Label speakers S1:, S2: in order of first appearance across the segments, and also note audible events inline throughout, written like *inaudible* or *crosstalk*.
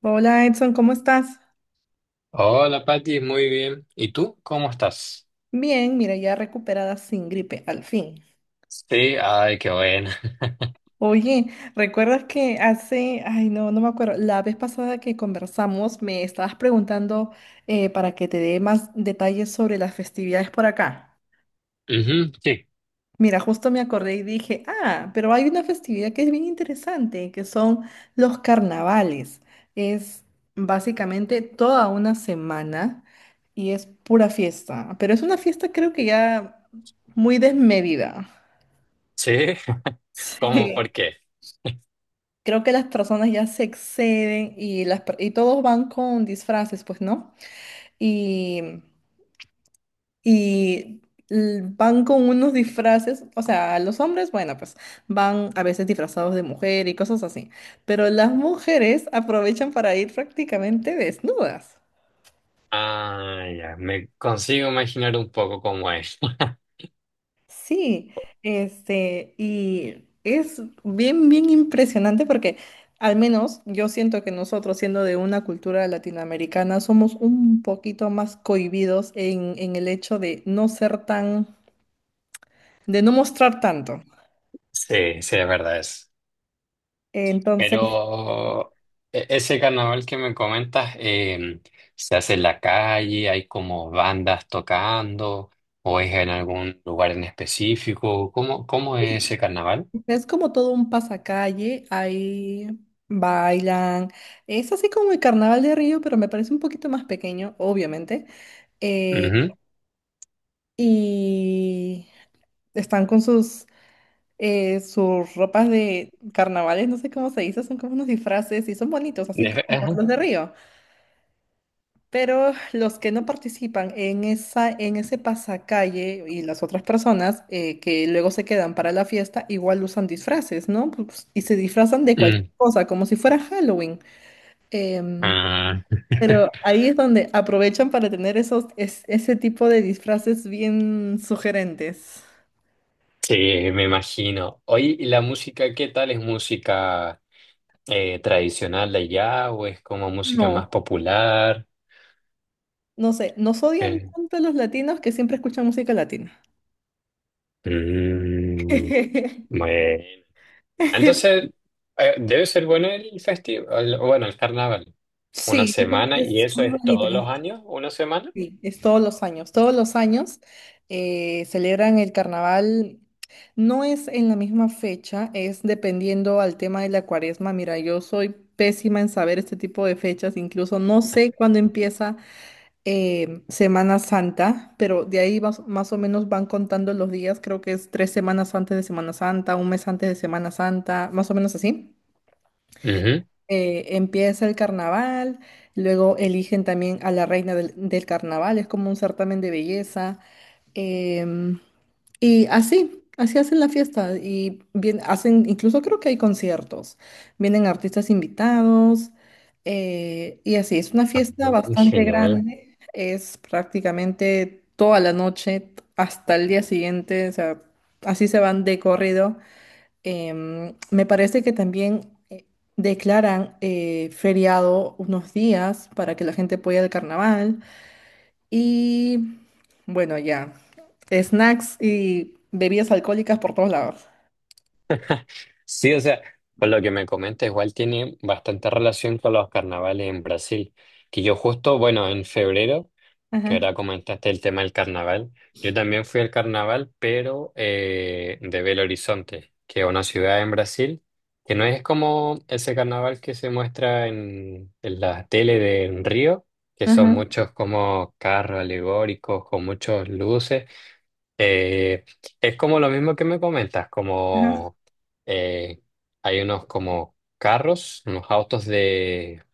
S1: Hola Edson, ¿cómo estás?
S2: Hola Pati, muy bien. ¿Y tú? ¿Cómo estás?
S1: Bien, mira, ya recuperada sin gripe, al fin.
S2: Sí, ay, qué bueno. *laughs*
S1: Oye, ¿recuerdas que hace, ay no, no me acuerdo, la vez pasada que conversamos me estabas preguntando para que te dé más detalles sobre las festividades por acá?
S2: Ujú, sí,
S1: Mira, justo me acordé y dije, ah, pero hay una festividad que es bien interesante, que son los carnavales. Es básicamente toda una semana y es pura fiesta, pero es una fiesta creo que ya muy desmedida.
S2: sí. *laughs* ¿Cómo?
S1: Sí.
S2: ¿Por qué?
S1: Creo que las personas ya se exceden y todos van con disfraces, pues, ¿no? Y Y Van con unos disfraces, o sea, los hombres, bueno, pues van a veces disfrazados de mujer y cosas así, pero las mujeres aprovechan para ir prácticamente desnudas.
S2: Ah, ya, me consigo imaginar un poco cómo es. *laughs*
S1: Sí, este, y es bien, bien impresionante porque al menos yo siento que nosotros, siendo de una cultura latinoamericana, somos un poquito más cohibidos en el hecho de no ser tan, de no mostrar tanto.
S2: Sí, sí, es verdad es.
S1: Entonces,
S2: Pero ese carnaval que me comentas, ¿se hace en la calle? ¿Hay como bandas tocando? ¿O es en algún lugar en específico? ¿Cómo es ese carnaval?
S1: es como todo un pasacalle, ahí bailan. Es así como el Carnaval de Río, pero me parece un poquito más pequeño, obviamente. Eh,
S2: Ujú.
S1: y están con sus ropas de carnavales, no sé cómo se dice, son como unos disfraces y son bonitos, así como
S2: Ajá.
S1: los de Río. Pero los que no participan en ese pasacalle y las otras personas que luego se quedan para la fiesta, igual usan disfraces, ¿no? Pues, y se disfrazan de cualquier
S2: Mm.
S1: cosa, como si fuera Halloween. Em,
S2: Ah.
S1: pero
S2: *laughs*
S1: ahí es donde aprovechan para tener ese tipo de disfraces bien sugerentes.
S2: Sí, me imagino. Oye, ¿y la música qué tal? ¿Es música tradicional de allá o es como música más
S1: No,
S2: popular?
S1: no sé, nos odian
S2: Eh,
S1: tanto los latinos que siempre escuchan música latina.
S2: mm,
S1: *laughs*
S2: bueno. Entonces, debe ser bueno el festival, bueno, el carnaval. Una
S1: Sí, dicen
S2: semana,
S1: que
S2: y
S1: es
S2: eso
S1: muy
S2: es
S1: bonita.
S2: todos los años, una semana.
S1: Sí, es todos los años. Todos los años celebran el carnaval. No es en la misma fecha, es dependiendo al tema de la cuaresma. Mira, yo soy pésima en saber este tipo de fechas, incluso no sé cuándo empieza Semana Santa, pero de ahí vas- más o menos van contando los días. Creo que es tres semanas antes de Semana Santa, un mes antes de Semana Santa, más o menos así
S2: Ujú.
S1: empieza el carnaval, luego eligen también a la reina del carnaval, es como un certamen de belleza. em, y así, así hacen la fiesta. Y bien, hacen, incluso creo que hay conciertos. Vienen artistas invitados. Y así, es una fiesta
S2: Mm,
S1: bastante
S2: genial.
S1: grande. Es prácticamente toda la noche hasta el día siguiente. O sea, así se van de corrido. Me parece que también declaran feriado unos días para que la gente pueda ir al carnaval. Y bueno, ya, snacks y bebidas alcohólicas por todos lados.
S2: Sí, o sea, por lo que me comenta, igual tiene bastante relación con los carnavales en Brasil, que yo justo, bueno, en febrero. Que
S1: Ajá,
S2: ahora comentaste el tema del carnaval. Yo también fui al carnaval, pero de Belo Horizonte, que es una ciudad en Brasil, que no es como ese carnaval que se muestra en la tele de en Río, que son
S1: ajá,
S2: muchos como carros alegóricos con muchas luces. Eh, es como lo mismo que me comentas,
S1: ajá,
S2: como eh, hay unos como carros, unos autos de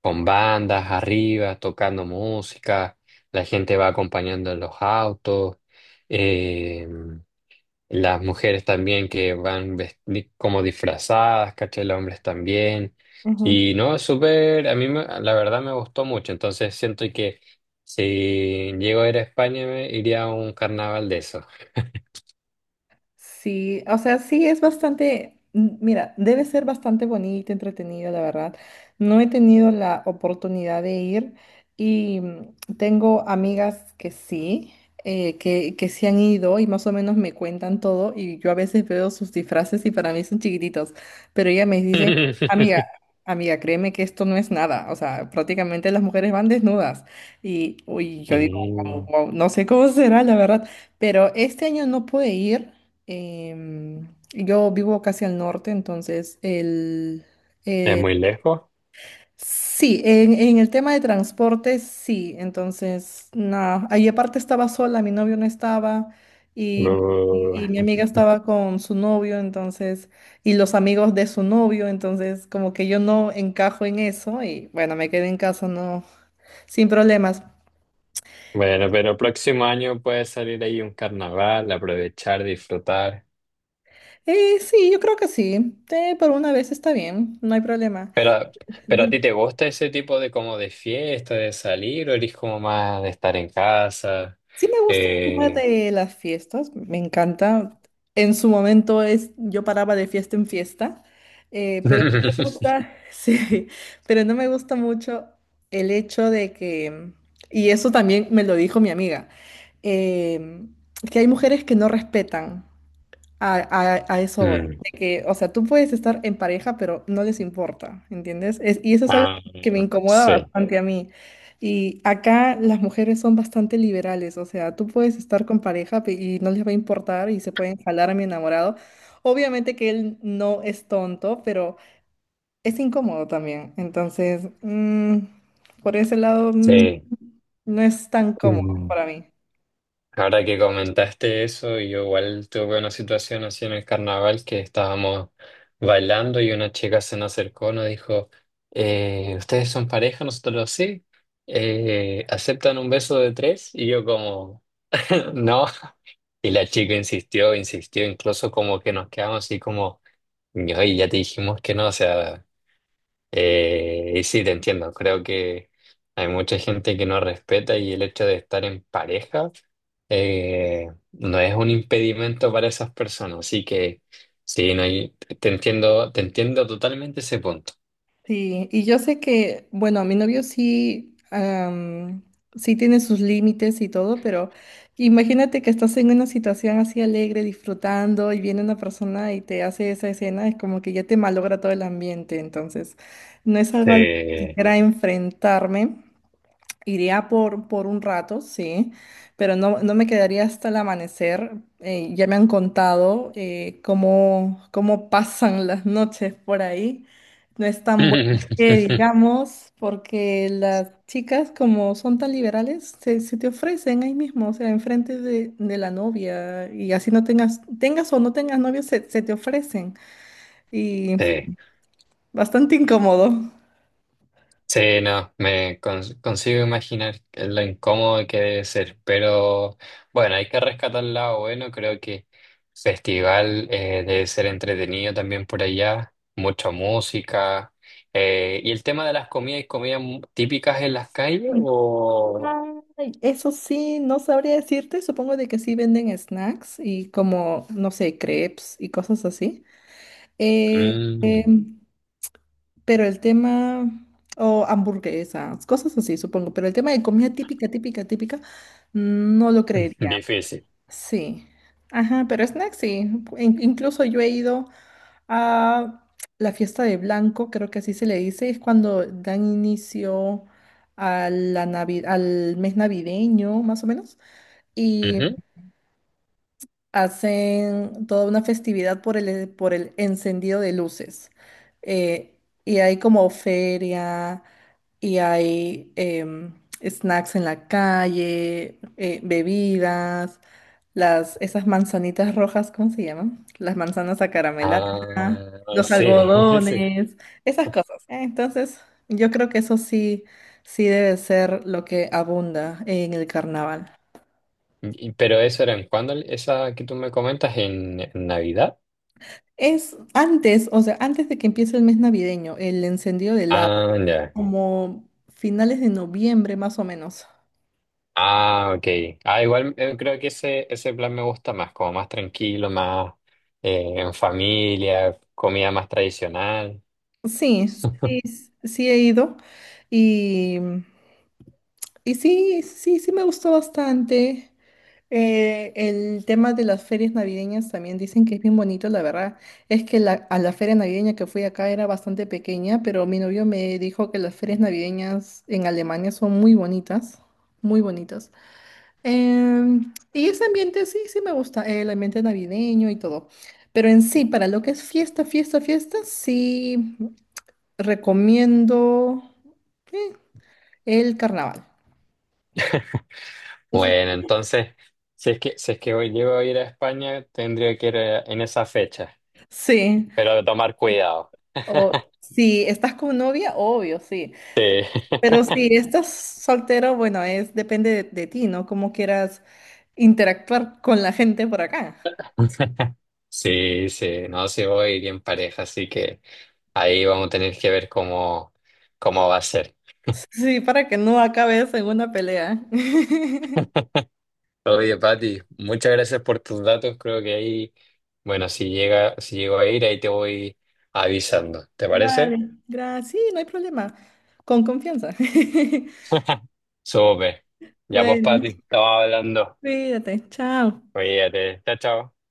S2: con bandas arriba, tocando música, la gente va acompañando en los autos, eh, las mujeres también que van como disfrazadas, ¿cachai? Los hombres también.
S1: ajá.
S2: Y no, es súper, la verdad me gustó mucho, entonces siento que si llego a ir a España me iría a un carnaval de eso.
S1: Sí, o sea, sí es bastante, m- mira, debe ser bastante bonito, entretenido, la verdad. No he tenido la oportunidad de ir y mm, tengo amigas que sí, que sí han ido y más o menos me cuentan todo y yo a veces veo sus disfraces y para mí son chiquititos, pero ellas me dicen,
S2: *laughs*
S1: amiga, amiga, créeme que esto no es nada, o sea, prácticamente las mujeres van desnudas y uy, yo digo, "Guau,
S2: Mm,
S1: guau", no sé cómo será, la verdad, pero este año no pude ir. Em, yo vivo casi al norte, entonces el...
S2: es muy lejos.
S1: Sí, en el tema de transporte, sí. Entonces, nada, ahí aparte estaba sola, mi novio no estaba y,
S2: Uh.
S1: y mi amiga estaba con su novio, entonces, y los amigos de su novio, entonces como que yo no encajo en eso y bueno, me quedé en casa, no, sin problemas.
S2: Bueno, pero próximo año puede salir ahí un carnaval, aprovechar, disfrutar.
S1: Sí, yo creo que sí. Por una vez está bien, no hay problema.
S2: Pero, pero ¿a ti te gusta ese tipo de como de fiesta, de salir, o eres como más de estar en casa?
S1: Sí me gusta el tema
S2: Eh...
S1: de las fiestas, me encanta. En su momento es, yo paraba de fiesta en fiesta, pero no me
S2: *laughs*
S1: gusta, *laughs* sí, pero no me gusta mucho el hecho de que, y eso también me lo dijo mi amiga, eh, que hay mujeres que no respetan. A eso voy.
S2: Mm.
S1: De que, o sea, tú puedes estar en pareja, pero no les importa, ¿entiendes? Es- y eso es algo
S2: Ah,
S1: que me incomoda
S2: sí,
S1: bastante a mí. Y acá las mujeres son bastante liberales, o sea, tú puedes estar con pareja pe- y no les va a importar y se pueden jalar a mi enamorado. Obviamente que él no es tonto, pero es incómodo también. Entonces, mm, por ese lado, mm,
S2: sí.
S1: no es tan cómodo
S2: Mm.
S1: para mí.
S2: Ahora que comentaste eso, yo igual tuve una situación así en el carnaval que estábamos bailando y una chica se nos acercó, nos dijo, ¿ustedes son pareja? Nosotros sí. ¿Aceptan un beso de tres? Y yo como, *laughs* no. Y la chica insistió, insistió, incluso como que nos quedamos así como, "Ay, ya te dijimos que no, o sea... Y sí, te entiendo, creo que hay mucha gente que no respeta y el hecho de estar en pareja eh, no es un impedimento para esas personas, así que sí, no hay- te entiendo totalmente ese punto.
S1: Sí, y yo sé que, bueno, mi novio sí, am, sí tiene sus límites y todo, pero imagínate que estás en una situación así alegre, disfrutando, y viene una persona y te hace esa escena, es como que ya te malogra todo el ambiente, entonces no es algo a lo que
S2: Eh,
S1: quisiera enfrentarme. Iría por un rato, sí, pero no, no me quedaría hasta el amanecer. Ya me han contado cómo pasan las noches por ahí. No es tan bueno que
S2: *laughs*
S1: digamos, porque las chicas, como son tan liberales, se te ofrecen ahí mismo, o sea, enfrente de la novia, y así no tengas, tengas o no tengas novio, se te ofrecen. Y
S2: sí.
S1: bastante incómodo.
S2: Sí, no, consigo imaginar lo incómodo que debe ser, pero bueno, hay que rescatar el lado bueno, creo que festival debe ser entretenido también por allá, mucha música, y el tema de las comidas y comidas típicas en las calles o...
S1: Ay, eso sí, no sabría decirte, supongo de que sí venden snacks y como, no sé, crepes y cosas así. Eh,
S2: Mm,
S1: pero el tema, o hamburguesas, cosas así, supongo, pero el tema de comida típica, típica, típica, no lo creería.
S2: difícil.
S1: Sí. Ajá, pero snacks sí. In- incluso yo he ido a la fiesta de Blanco, creo que así se le dice, es cuando dan inicio a la Navi- al mes navideño, más o menos y
S2: Ujú.
S1: hacen toda una festividad por el encendido de luces. Eh, y hay como feria y hay snacks en la calle, bebidas, las, esas manzanitas rojas, ¿cómo se llaman? Las manzanas acarameladas, ajá.
S2: Ah,
S1: Los
S2: sí, *laughs* sí.
S1: algodones, esas cosas. Entonces, yo creo que eso sí, sí debe ser lo que abunda en el carnaval.
S2: Pero eso era en cuándo, esa que tú me comentas, en Navidad.
S1: Es antes, o sea, antes de que empiece el mes navideño, el encendido del lago,
S2: Ah, ya.
S1: como finales de noviembre más o menos.
S2: Ah, ok. Ah, igual creo que ese plan me gusta más, como más tranquilo, más en familia, comida más tradicional.
S1: Sí, sí,
S2: *laughs*
S1: s- sí he ido y, y sí, sí, sí me gustó bastante. El tema de las ferias navideñas también dicen que es bien bonito, la verdad. Es que a la feria navideña que fui acá era bastante pequeña, pero mi novio me dijo que las ferias navideñas en Alemania son muy bonitas, muy bonitas. Y ese ambiente sí, sí me gusta, el ambiente navideño y todo. Pero en sí, para lo que es fiesta, fiesta, fiesta, sí recomiendo eh, el carnaval. Eso
S2: Bueno, entonces, si es que hoy llego a ir a España, tendría que ir en esa fecha,
S1: sí.
S2: pero de tomar cuidado.
S1: O
S2: *laughs*
S1: si estás con novia, obvio, sí.
S2: Sí,
S1: Pero
S2: *laughs*
S1: si estás soltero, bueno, es depende de ti, ¿no? Cómo quieras interactuar con la gente por acá.
S2: sí, sí, no, si voy a ir en pareja, así que ahí vamos a tener que ver cómo, cómo va a ser.
S1: Sí, para que no acabes en una pelea. *laughs*
S2: Oye, Pati, muchas gracias por tus datos. Creo que ahí, bueno, si llego a ir, ahí te voy avisando. ¿Te parece?
S1: Vale, gracias. Sí, no hay problema. Con confianza. *laughs*
S2: *laughs* Súper. Ya pues,
S1: Bueno,
S2: Pati, estaba hablando.
S1: cuídate. Chao.
S2: Cuídate. Chao, chao.